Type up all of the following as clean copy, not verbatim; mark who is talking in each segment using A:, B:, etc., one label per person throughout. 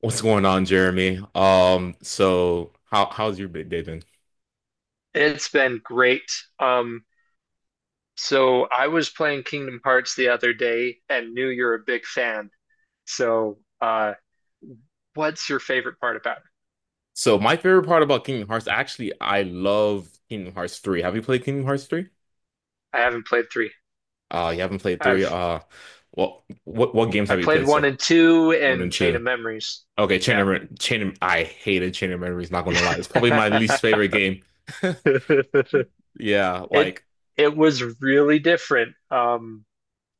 A: What's going on, Jeremy? So how's your big day been?
B: It's been great. Um, so I was playing Kingdom Hearts the other day and knew you're a big fan. So, uh, what's your favorite part about it?
A: So my favorite part about Kingdom Hearts, actually, I love Kingdom Hearts 3. Have you played Kingdom Hearts 3?
B: I haven't played three.
A: You haven't played 3.
B: I've
A: Well, what games have
B: I've
A: you
B: played
A: played
B: one
A: so?
B: and two
A: 1
B: and
A: and
B: Chain
A: 2.
B: of Memories.
A: Okay, Chain
B: Yeah.
A: of Mem- Chain of- I hated Chain of Memories, not gonna lie. It's probably my least favorite game. Yeah,
B: It
A: like
B: it was really different. Um,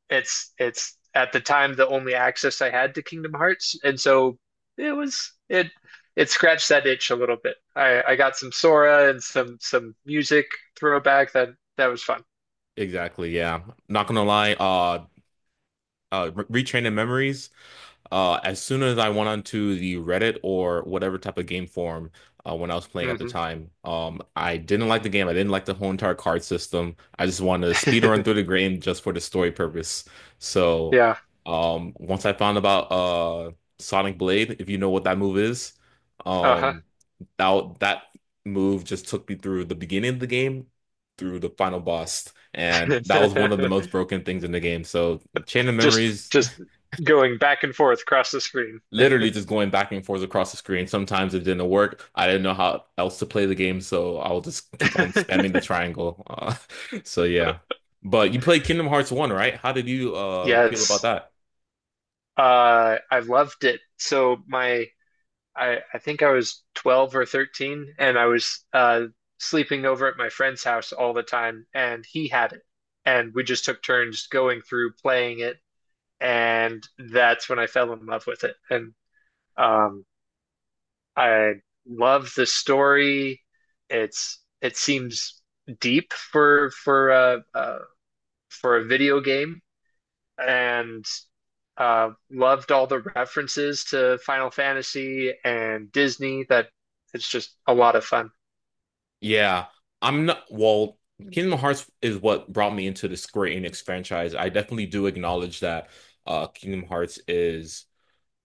B: it's it's at the time the only access I had to Kingdom Hearts, and so it was it it scratched that itch a little bit. I got some Sora and some music throwback that was fun.
A: exactly, yeah. Not gonna lie. Retraining Memories. As soon as I went onto the Reddit or whatever type of game forum, when I was playing at the
B: Hmm
A: time, I didn't like the game. I didn't like the whole entire card system. I just wanted to speed run through the game just for the story purpose. So,
B: Yeah.
A: once I found about Sonic Blade, if you know what that move is,
B: Uh-huh.
A: um, that move just took me through the beginning of the game through the final boss, and that was one of the most broken things in the game. So, Chain of
B: Just
A: Memories
B: just going back and forth across the screen.
A: literally just going back and forth across the screen. Sometimes it didn't work. I didn't know how else to play the game, so I'll just keep on spamming the triangle. So yeah. But you played Kingdom Hearts 1, right? How did you feel about
B: Yes.
A: that?
B: I loved it. So my, I think I was 12 or 13 and I was sleeping over at my friend's house all the time and he had it. And we just took turns going through playing it, and that's when I fell in love with it. And um I love the story. It seems deep for for a video game, and loved all the references to Final Fantasy and Disney. That it's just a lot of fun.
A: Yeah. I'm not. Well, Kingdom Hearts is what brought me into the Square Enix franchise. I definitely do acknowledge that Kingdom Hearts is,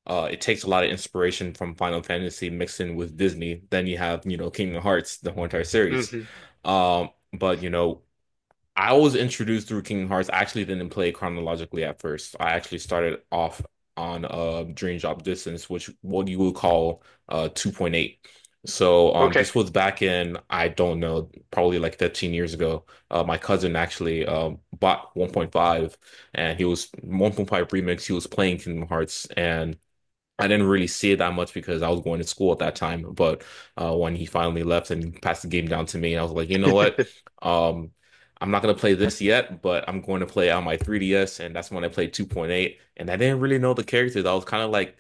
A: it takes a lot of inspiration from Final Fantasy mixed in with Disney. Then you have, Kingdom Hearts, the whole entire series.
B: Hmm
A: But I was introduced through Kingdom Hearts. I actually didn't play chronologically at first. I actually started off on Dream Drop Distance, which what you would call 2.8. So,
B: Okay.
A: this was back in, I don't know, probably like 13 years ago. My cousin actually bought 1.5, and he was 1.5 remix. He was playing Kingdom Hearts, and I didn't really see it that much because I was going to school at that time. But, when he finally left and passed the game down to me, I was like, you know what? Um, I'm not going to play this yet, but I'm going to play on my 3DS. And that's when I played 2.8. And I didn't really know the characters. I was kind of like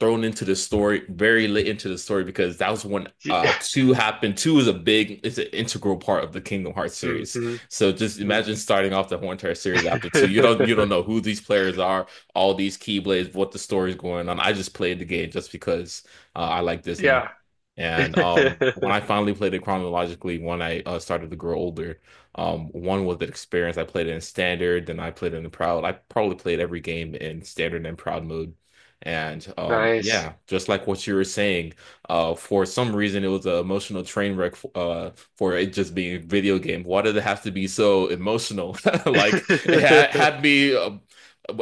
A: thrown into the story very late into the story, because that was when
B: Yeah.
A: two happened. Two is a big it's an integral part of the Kingdom Hearts
B: hmm
A: series. So just imagine
B: hmm
A: starting off the whole entire series after two. You don't know who these players are, all these keyblades, what the story's going on. I just played the game just because I like Disney.
B: Yeah.
A: And, when I finally played it chronologically, when I started to grow older, one was the experience. I played it in standard, then I played it in proud. I probably played every game in standard and proud mode. And,
B: Nice.
A: yeah, just like what you were saying, for some reason it was an emotional train wreck, f for it just being a video game. Why did it have to be so emotional? Like it had, had me,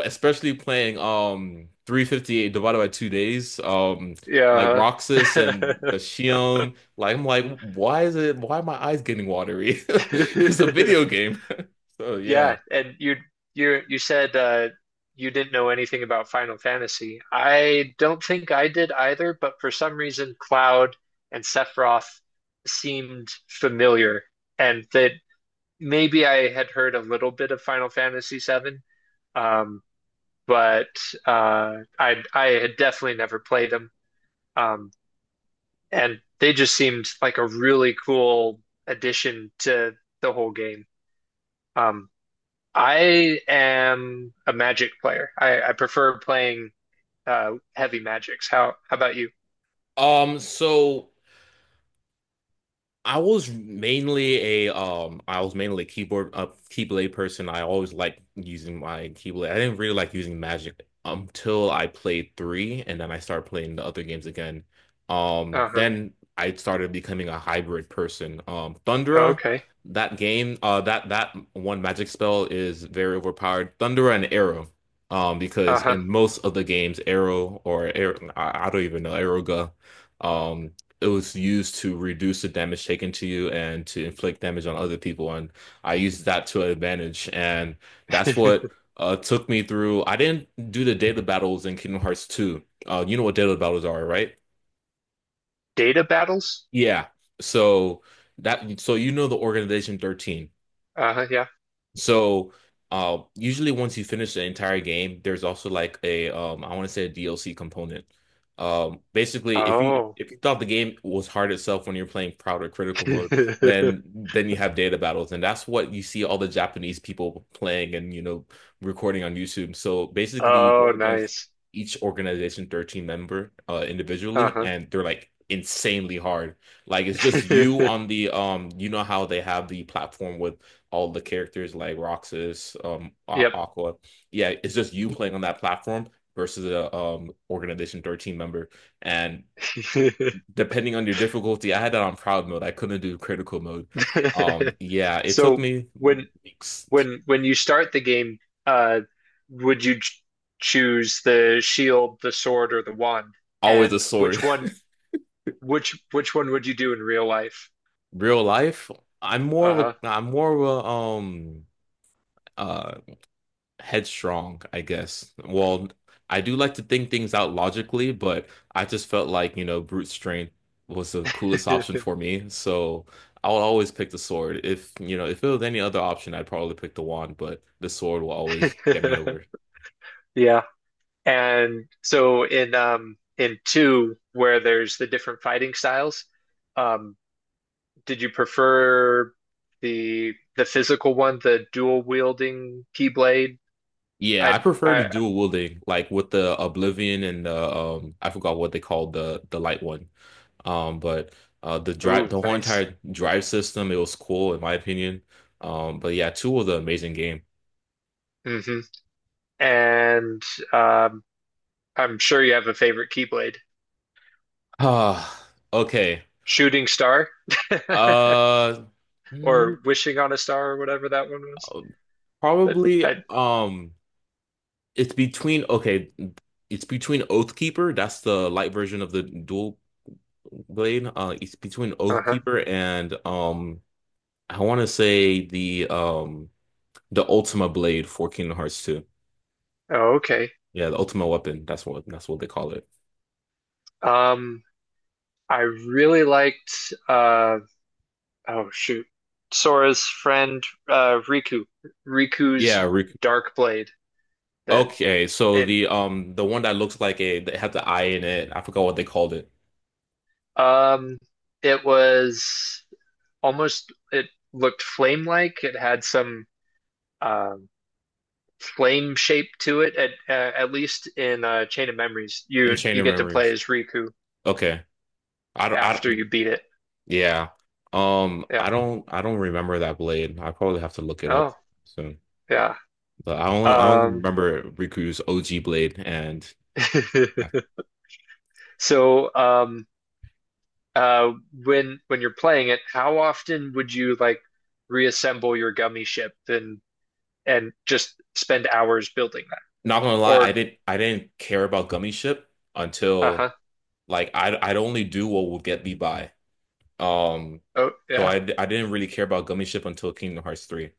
A: especially playing 358 divided by 2 days, like
B: Yeah.
A: Roxas and
B: huh?
A: the Shion. Like I'm like, why is it? Why are my eyes getting watery? It's a video game. So yeah.
B: Yeah, and you said you didn't know anything about Final Fantasy. I don't think I did either, but for some reason Cloud and Sephiroth seemed familiar, and that maybe I had heard a little bit of Final Fantasy Seven. Um but I had definitely never played them, um, and they just seemed like a really cool addition to the whole game. Um, I am a Magic player. I prefer playing heavy magics. How about you?
A: So I was mainly a keyboard keyblade person. I always liked using my keyblade. I didn't really like using magic until I played three, and then I started playing the other games again.
B: Uh-huh.
A: Then I started becoming a hybrid person.
B: Oh,
A: Thundera,
B: okay.
A: that game, that one magic spell is very overpowered. Thundera and Arrow. Because
B: Uh-huh.
A: in most of the games, Arrow or Arrow, I don't even know, Aeroga. Um, it was used to reduce the damage taken to you and to inflict damage on other people. And I used that to advantage. And that's what took me through. I didn't do the data battles in Kingdom Hearts 2. You know what data battles are, right?
B: Data battles?
A: Yeah. So that so you know the organization 13.
B: Uh-huh, yeah.
A: So, usually once you finish the entire game, there's also like a, I want to say, a DLC component. Basically, if you
B: Oh.
A: if you thought the game was hard itself when you're playing proud or critical mode, then then you have data battles, and that's what you see all the Japanese people playing and, recording on YouTube. So basically, you go
B: Oh,
A: against
B: nice.
A: each organization 13 member, individually,
B: Uh-huh.
A: and they're like insanely hard. Like it's just you on the, you know how they have the platform with all the characters like Roxas,
B: Yep.
A: Aqua. Yeah, it's just you playing on that platform versus a organization 13 member. And depending on your difficulty, I had that on proud mode. I couldn't do critical mode. Yeah, it took
B: So
A: me
B: when
A: weeks.
B: when you start the game, uh, would you ch choose the shield, the sword, or the wand?
A: Always a
B: And which
A: sword.
B: one which which one would you do in real life?
A: Real life, I'm more of
B: Uh-huh.
A: a uh headstrong, I guess. Well, I do like to think things out logically, but I just felt like, brute strength was the coolest option for me. So I will always pick the sword. If, you know, if it was any other option, I'd probably pick the wand, but the sword will always get me over.
B: Yeah. And so in two, where there's the different fighting styles, um, did you prefer the physical one, the dual wielding keyblade?
A: Yeah, I prefer the
B: I
A: dual wielding, like with the Oblivion and the, I forgot what they called the light one. But
B: ooh,
A: the whole
B: nice.
A: entire drive system, it was cool in my opinion. But yeah, two was an amazing game.
B: Hmm And um I'm sure you have a favorite Keyblade.
A: Ah, okay.
B: Shooting Star
A: Uh, mm,
B: or Wishing on a Star or whatever that one was. But
A: Probably
B: I,
A: it's between, okay, it's between Oathkeeper, that's the light version of the dual blade. It's between
B: uh-huh.
A: Oathkeeper and, I want to say, the Ultima blade for Kingdom Hearts 2.
B: Oh, okay.
A: Yeah, the Ultima weapon. That's what they call it.
B: Um, I really liked uh oh shoot. Sora's friend Riku. Riku's
A: Yeah, Riku.
B: Dark Blade, that
A: Okay, so
B: and
A: the one that looks like, a that had the eye in it. I forgot what they called it.
B: um it was almost, it looked flame like. It had some um flame shape to it at least in Chain of Memories. You
A: In Chain
B: you
A: of
B: get to play
A: Memories.
B: as Riku
A: Okay. I don't, I
B: after
A: don't,
B: you beat it.
A: Yeah. I
B: Yeah.
A: don't, I don't remember that blade. I probably have to look it up
B: Oh,
A: soon.
B: yeah.
A: But I only
B: Um
A: remember Riku's OG blade, and
B: so uh when you're playing it, how often would you like reassemble your gummy ship and just spend hours building that?
A: not gonna lie, I
B: Or
A: didn't, I didn't care about Gummy Ship until,
B: uh-huh.
A: like, I'd only do what would get me by. Um,
B: Oh,
A: so
B: yeah.
A: I didn't really care about Gummy Ship until Kingdom Hearts 3.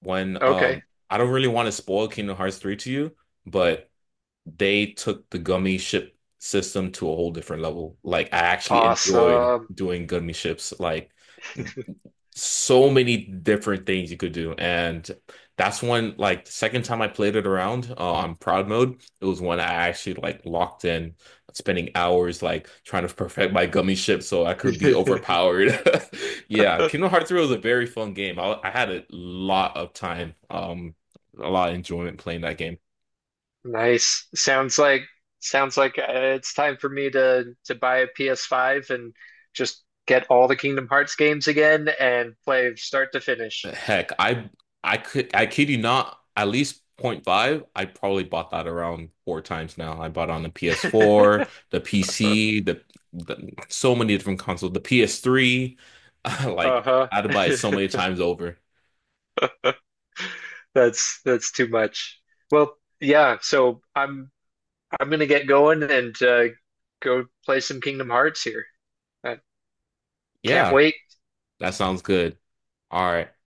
A: When,
B: Okay.
A: um, I don't really want to spoil Kingdom Hearts 3 to you, but they took the gummy ship system to a whole different level. Like I actually enjoyed
B: Awesome.
A: doing gummy ships. Like so many different things you could do. And that's when, like, the second time I played it around, on proud mode, it was when I actually, like, locked in, spending hours like trying to perfect my gummy ship so I could be overpowered. Yeah,
B: uh,
A: Kingdom Hearts 3 was a very fun game. I had a lot of time, a lot of enjoyment playing that game.
B: Nice. Sounds like it's time for me to buy a PS5 and just get all the Kingdom Hearts games again and play start to finish.
A: Heck, I kid you not, at least point five. I probably bought that around four times now. I bought it on the PS4, the PC, the so many different consoles, the PS3. Like
B: Uh-huh.
A: I had to buy it so many times over.
B: That's too much. Well, yeah, so I'm gonna get going and go play some Kingdom Hearts here. I can't
A: Yeah,
B: wait.
A: that sounds good. All right.